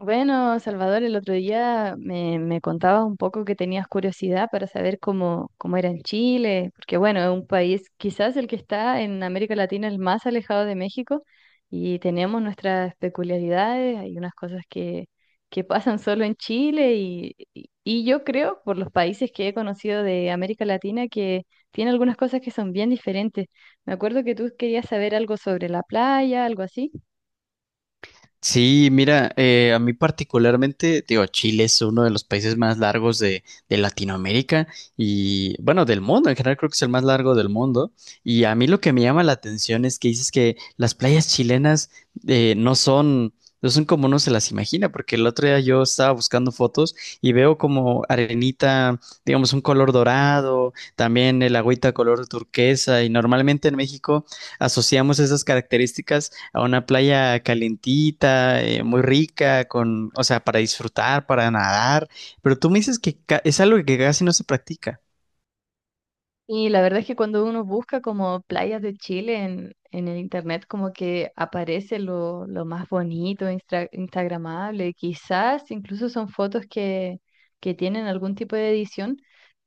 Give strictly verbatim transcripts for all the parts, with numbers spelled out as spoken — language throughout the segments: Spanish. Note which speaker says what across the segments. Speaker 1: Bueno, Salvador, el otro día me, me contabas un poco que tenías curiosidad para saber cómo, cómo era en Chile, porque bueno, es un país quizás el que está en América Latina el más alejado de México y tenemos nuestras peculiaridades, hay unas cosas que, que pasan solo en Chile y, y y yo creo, por los países que he conocido de América Latina, que tiene algunas cosas que son bien diferentes. Me acuerdo que tú querías saber algo sobre la playa, algo así.
Speaker 2: Sí, mira, eh, a mí particularmente, digo, Chile es uno de los países más largos de, de Latinoamérica y, bueno, del mundo, en general creo que es el más largo del mundo. Y a mí lo que me llama la atención es que dices que las playas chilenas eh, no son, no son como uno se las imagina, porque el otro día yo estaba buscando fotos y veo como arenita, digamos, un color dorado, también el agüita color turquesa y normalmente en México asociamos esas características a una playa calentita, eh, muy rica, con, o sea, para disfrutar, para nadar, pero tú me dices que ca- es algo que casi no se practica.
Speaker 1: Y la verdad es que cuando uno busca como playas de Chile en, en el internet, como que aparece lo, lo más bonito, instra- instagramable, quizás incluso son fotos que, que tienen algún tipo de edición,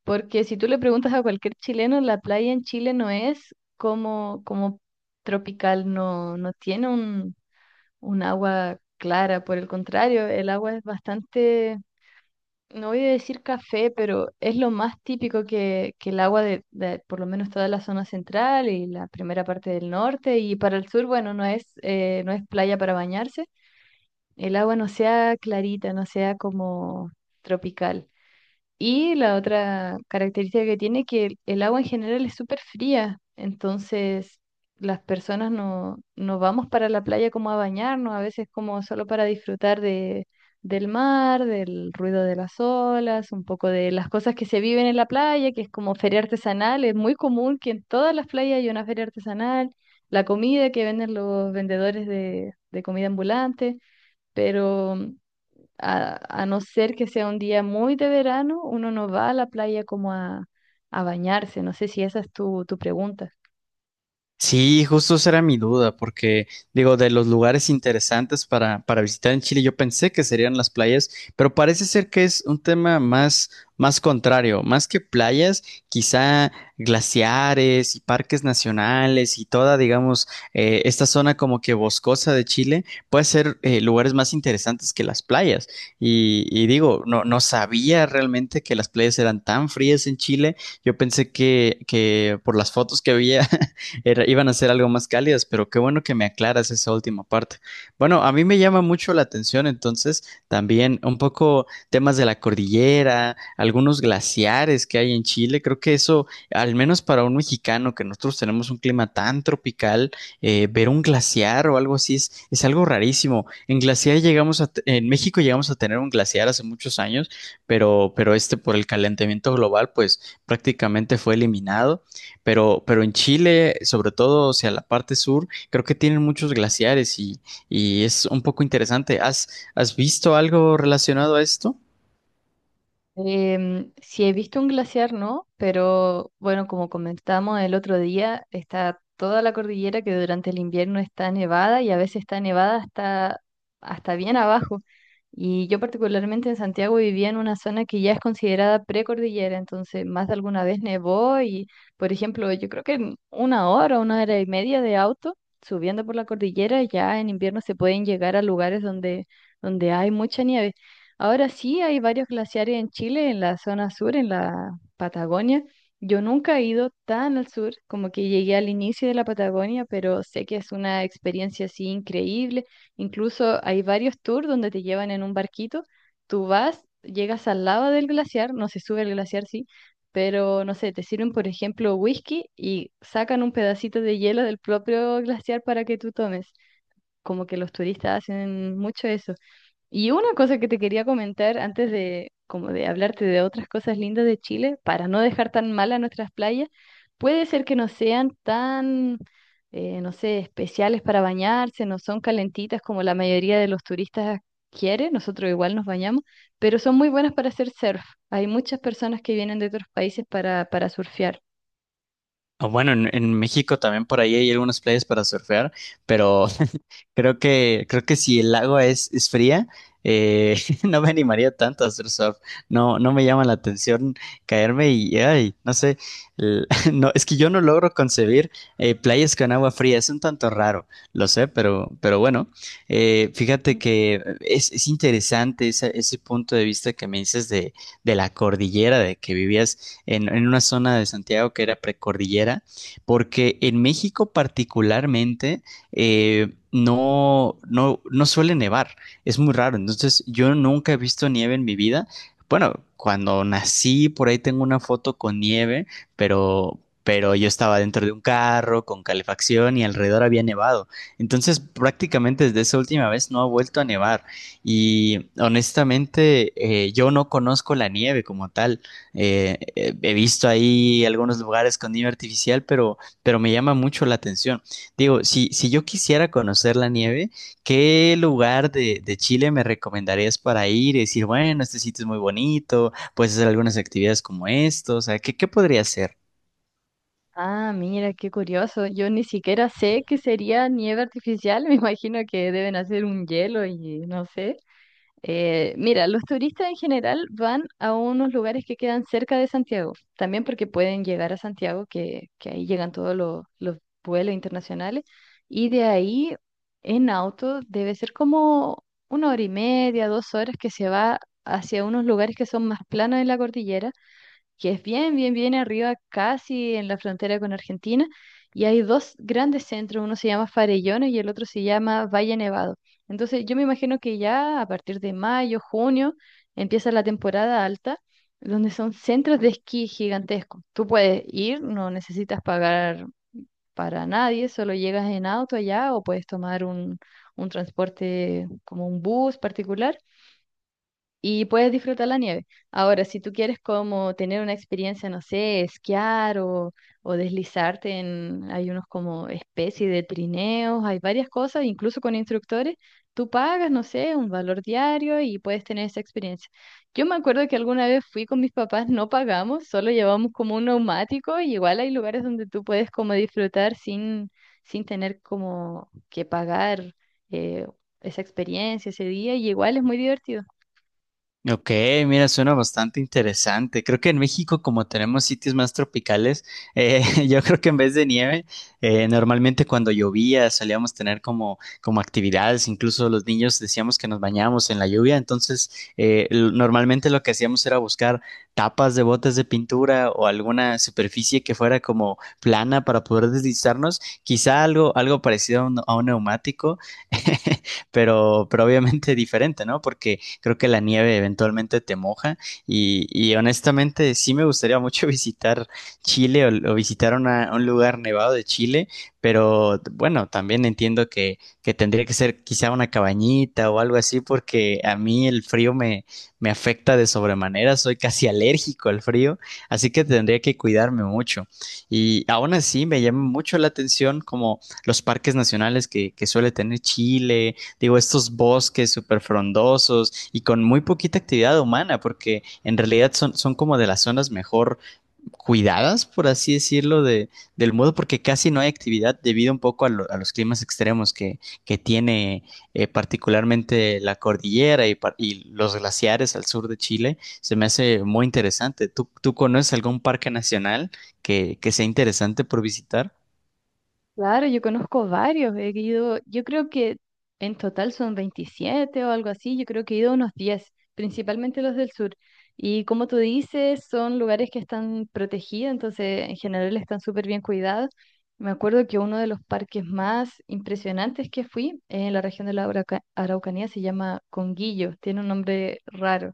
Speaker 1: porque si tú le preguntas a cualquier chileno, la playa en Chile no es como, como tropical, no, no tiene un, un agua clara, por el contrario, el agua es bastante no voy a decir café, pero es lo más típico que, que el agua de, de por lo menos toda la zona central y la primera parte del norte y para el sur, bueno, no es, eh, no es playa para bañarse. El agua no sea clarita, no sea como tropical. Y la otra característica que tiene es que el el agua en general es súper fría, entonces las personas no, no vamos para la playa como a bañarnos, a veces como solo para disfrutar de, del mar, del ruido de las olas, un poco de las cosas que se viven en la playa, que es como feria artesanal, es muy común que en todas las playas hay una feria artesanal, la comida que venden los vendedores de, de comida ambulante, pero a, a no ser que sea un día muy de verano, uno no va a la playa como a, a bañarse. No sé si esa es tu, tu pregunta.
Speaker 2: Sí, justo esa era mi duda, porque digo, de los lugares interesantes para, para visitar en Chile, yo pensé que serían las playas, pero parece ser que es un tema más, más contrario, más que playas, quizá glaciares y parques nacionales y toda, digamos, eh, esta zona como que boscosa de Chile puede ser eh, lugares más interesantes que las playas. Y, y digo, no, no sabía realmente que las playas eran tan frías en Chile. Yo pensé que, que por las fotos que había era- iban a ser algo más cálidas, pero qué bueno que me aclaras esa última parte. Bueno, a mí me llama mucho la atención entonces también un poco temas de la cordillera, algunos glaciares que hay en Chile. Creo que eso, al menos para un mexicano, que nosotros tenemos un clima tan tropical, eh, ver un glaciar o algo así es, es algo rarísimo. En glaciar llegamos a, te- en México llegamos a tener un glaciar hace muchos años, pero, pero este por el calentamiento global, pues prácticamente fue eliminado. Pero, pero en Chile, sobre todo hacia la parte sur, creo que tienen muchos glaciares y, y es un poco interesante. ¿Has, has visto algo relacionado a esto?
Speaker 1: Em, sí he visto un glaciar, ¿no? Pero bueno, como comentamos el otro día, está toda la cordillera que durante el invierno está nevada y a veces está nevada hasta, hasta bien abajo. Y yo particularmente en Santiago vivía en una zona que ya es considerada precordillera, entonces más de alguna vez nevó y, por ejemplo, yo creo que en una hora, una hora y media de auto subiendo por la cordillera, ya en invierno se pueden llegar a lugares donde, donde hay mucha nieve. Ahora sí hay varios glaciares en Chile, en la zona sur, en la Patagonia. Yo nunca he ido tan al sur como que llegué al inicio de la Patagonia, pero sé que es una experiencia así increíble. Incluso hay varios tours donde te llevan en un barquito. Tú vas, llegas al lado del glaciar, no se sube el glaciar, sí, pero no sé, te sirven, por ejemplo, whisky y sacan un pedacito de hielo del propio glaciar para que tú tomes. Como que los turistas hacen mucho eso. Y una cosa que te quería comentar antes de, como de hablarte de otras cosas lindas de Chile, para no dejar tan mal a nuestras playas, puede ser que no sean tan, eh, no sé, especiales para bañarse, no son calentitas como la mayoría de los turistas quiere, nosotros igual nos bañamos, pero son muy buenas para hacer surf. Hay muchas personas que vienen de otros países para, para surfear.
Speaker 2: Ah, bueno, en, en México también por ahí hay algunas playas para surfear, pero Creo que, creo que si el agua es, es fría, eh, no me animaría tanto a hacer surf. No, no me llama la atención caerme y, ay, no sé, l- no, es que yo no logro concebir eh, playas con agua fría. Es un tanto raro, lo sé, pero, pero bueno, eh, fíjate
Speaker 1: Mm.
Speaker 2: que es, es interesante ese, ese punto de vista que me dices de, de la cordillera, de que vivías en, en una zona de Santiago que era precordillera, porque en México particularmente eh, no, no, no suele nevar. Es muy raro. Entonces, yo nunca he visto nieve en mi vida. Bueno, cuando nací, por ahí tengo una foto con nieve, pero, pero yo estaba dentro de un carro con calefacción y alrededor había nevado. Entonces, prácticamente desde esa última vez no ha vuelto a nevar. Y honestamente, eh, yo no conozco la nieve como tal. Eh, eh, he visto ahí algunos lugares con nieve artificial, pero, pero me llama mucho la atención. Digo, si, si yo quisiera conocer la nieve, ¿qué lugar de, de Chile me recomendarías para ir y decir, bueno, este sitio es muy bonito, puedes hacer algunas actividades como esto? O sea, ¿qué, qué podría hacer?
Speaker 1: Ah, mira, qué curioso. Yo ni siquiera sé qué sería nieve artificial, me imagino que deben hacer un hielo y no sé. Eh, mira, los turistas en general van a unos lugares que quedan cerca de Santiago, también porque pueden llegar a Santiago, que, que ahí llegan todos los, los vuelos internacionales, y de ahí en auto debe ser como una hora y media, dos horas que se va hacia unos lugares que son más planos en la cordillera que es bien, bien, bien arriba, casi en la frontera con Argentina, y hay dos grandes centros, uno se llama Farellones y el otro se llama Valle Nevado. Entonces, yo me imagino que ya a partir de mayo, junio, empieza la temporada alta, donde son centros de esquí gigantescos. Tú puedes ir, no necesitas pagar para nadie, solo llegas en auto allá o puedes tomar un, un transporte como un bus particular y puedes disfrutar la nieve. Ahora, si tú quieres como tener una experiencia, no sé, esquiar o, o deslizarte en, hay unos como especie de trineos, hay varias cosas, incluso con instructores, tú pagas, no sé, un valor diario y puedes tener esa experiencia. Yo me acuerdo que alguna vez fui con mis papás, no pagamos, solo llevamos como un neumático y igual hay lugares donde tú puedes como disfrutar sin, sin tener como que pagar eh, esa experiencia ese día y igual es muy divertido.
Speaker 2: Ok, mira, suena bastante interesante. Creo que en México, como tenemos sitios más tropicales, eh, yo creo que en vez de nieve, eh, normalmente cuando llovía solíamos tener como, como actividades, incluso los niños decíamos que nos bañábamos en la lluvia, entonces eh, l- normalmente lo que hacíamos era buscar tapas de botes de pintura o alguna superficie que fuera como plana para poder deslizarnos, quizá algo, algo parecido a un, a un neumático, pero, pero obviamente diferente, ¿no? Porque creo que la nieve eventualmente te moja y, y honestamente sí me gustaría mucho visitar Chile o, o visitar una- un lugar nevado de Chile, pero bueno, también entiendo que, que tendría que ser quizá una cabañita o algo así porque a mí el frío me, me afecta de sobremanera, soy casi alérgico al frío, así que tendría que cuidarme mucho. Y aún así me llama mucho la atención como los parques nacionales que, que suele tener Chile, digo, estos bosques súper frondosos y con muy poquita actividad humana, porque en realidad son, son como de las zonas mejor cuidadas, por así decirlo, de, del mundo, porque casi no hay actividad debido un poco a, lo- a los climas extremos que, que tiene eh, particularmente la cordillera y, par- y los glaciares al sur de Chile. Se me hace muy interesante. ¿Tú, tú conoces algún parque nacional que, que sea interesante por visitar?
Speaker 1: Claro, yo conozco varios. He ido, yo creo que en total son veintisiete o algo así. Yo creo que he ido a unos diez, principalmente los del sur. Y como tú dices, son lugares que están protegidos, entonces en general están súper bien cuidados. Me acuerdo que uno de los parques más impresionantes que fui en la región de la Arauca- Araucanía se llama Conguillo. Tiene un nombre raro.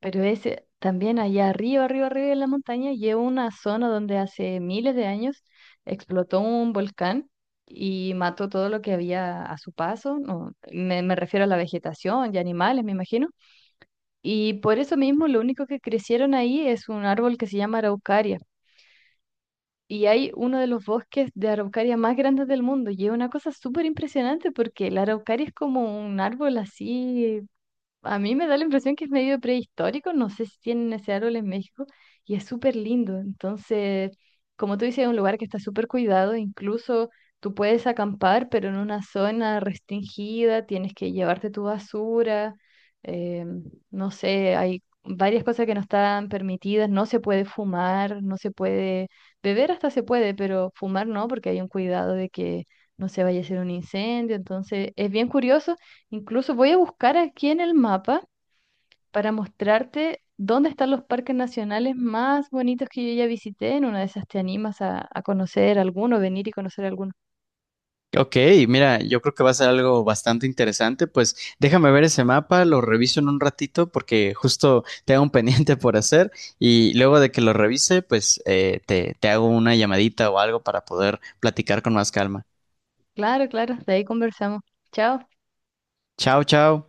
Speaker 1: Pero ese, también allá arriba, arriba, arriba de la montaña, lleva una zona donde hace miles de años explotó un volcán y mató todo lo que había a su paso. No, me, me refiero a la vegetación y animales, me imagino. Y por eso mismo, lo único que crecieron ahí es un árbol que se llama araucaria. Y hay uno de los bosques de araucaria más grandes del mundo. Y es una cosa súper impresionante porque la araucaria es como un árbol así a mí me da la impresión que es medio prehistórico, no sé si tienen ese árbol en México, y es súper lindo. Entonces, como tú dices, es un lugar que está súper cuidado, incluso tú puedes acampar, pero en una zona restringida, tienes que llevarte tu basura, eh, no sé, hay varias cosas que no están permitidas, no se puede fumar, no se puede beber hasta se puede, pero fumar no, porque hay un cuidado de que no se vaya a hacer un incendio. Entonces, es bien curioso. Incluso voy a buscar aquí en el mapa para mostrarte dónde están los parques nacionales más bonitos que yo ya visité. En una de esas te animas a, a conocer alguno, venir y conocer alguno.
Speaker 2: Ok, mira, yo creo que va a ser algo bastante interesante. Pues déjame ver ese mapa, lo reviso en un ratito porque justo tengo un pendiente por hacer y luego de que lo revise, pues eh, te, te hago una llamadita o algo para poder platicar con más calma.
Speaker 1: Claro, claro, de ahí conversamos. Chao.
Speaker 2: Chao, chao.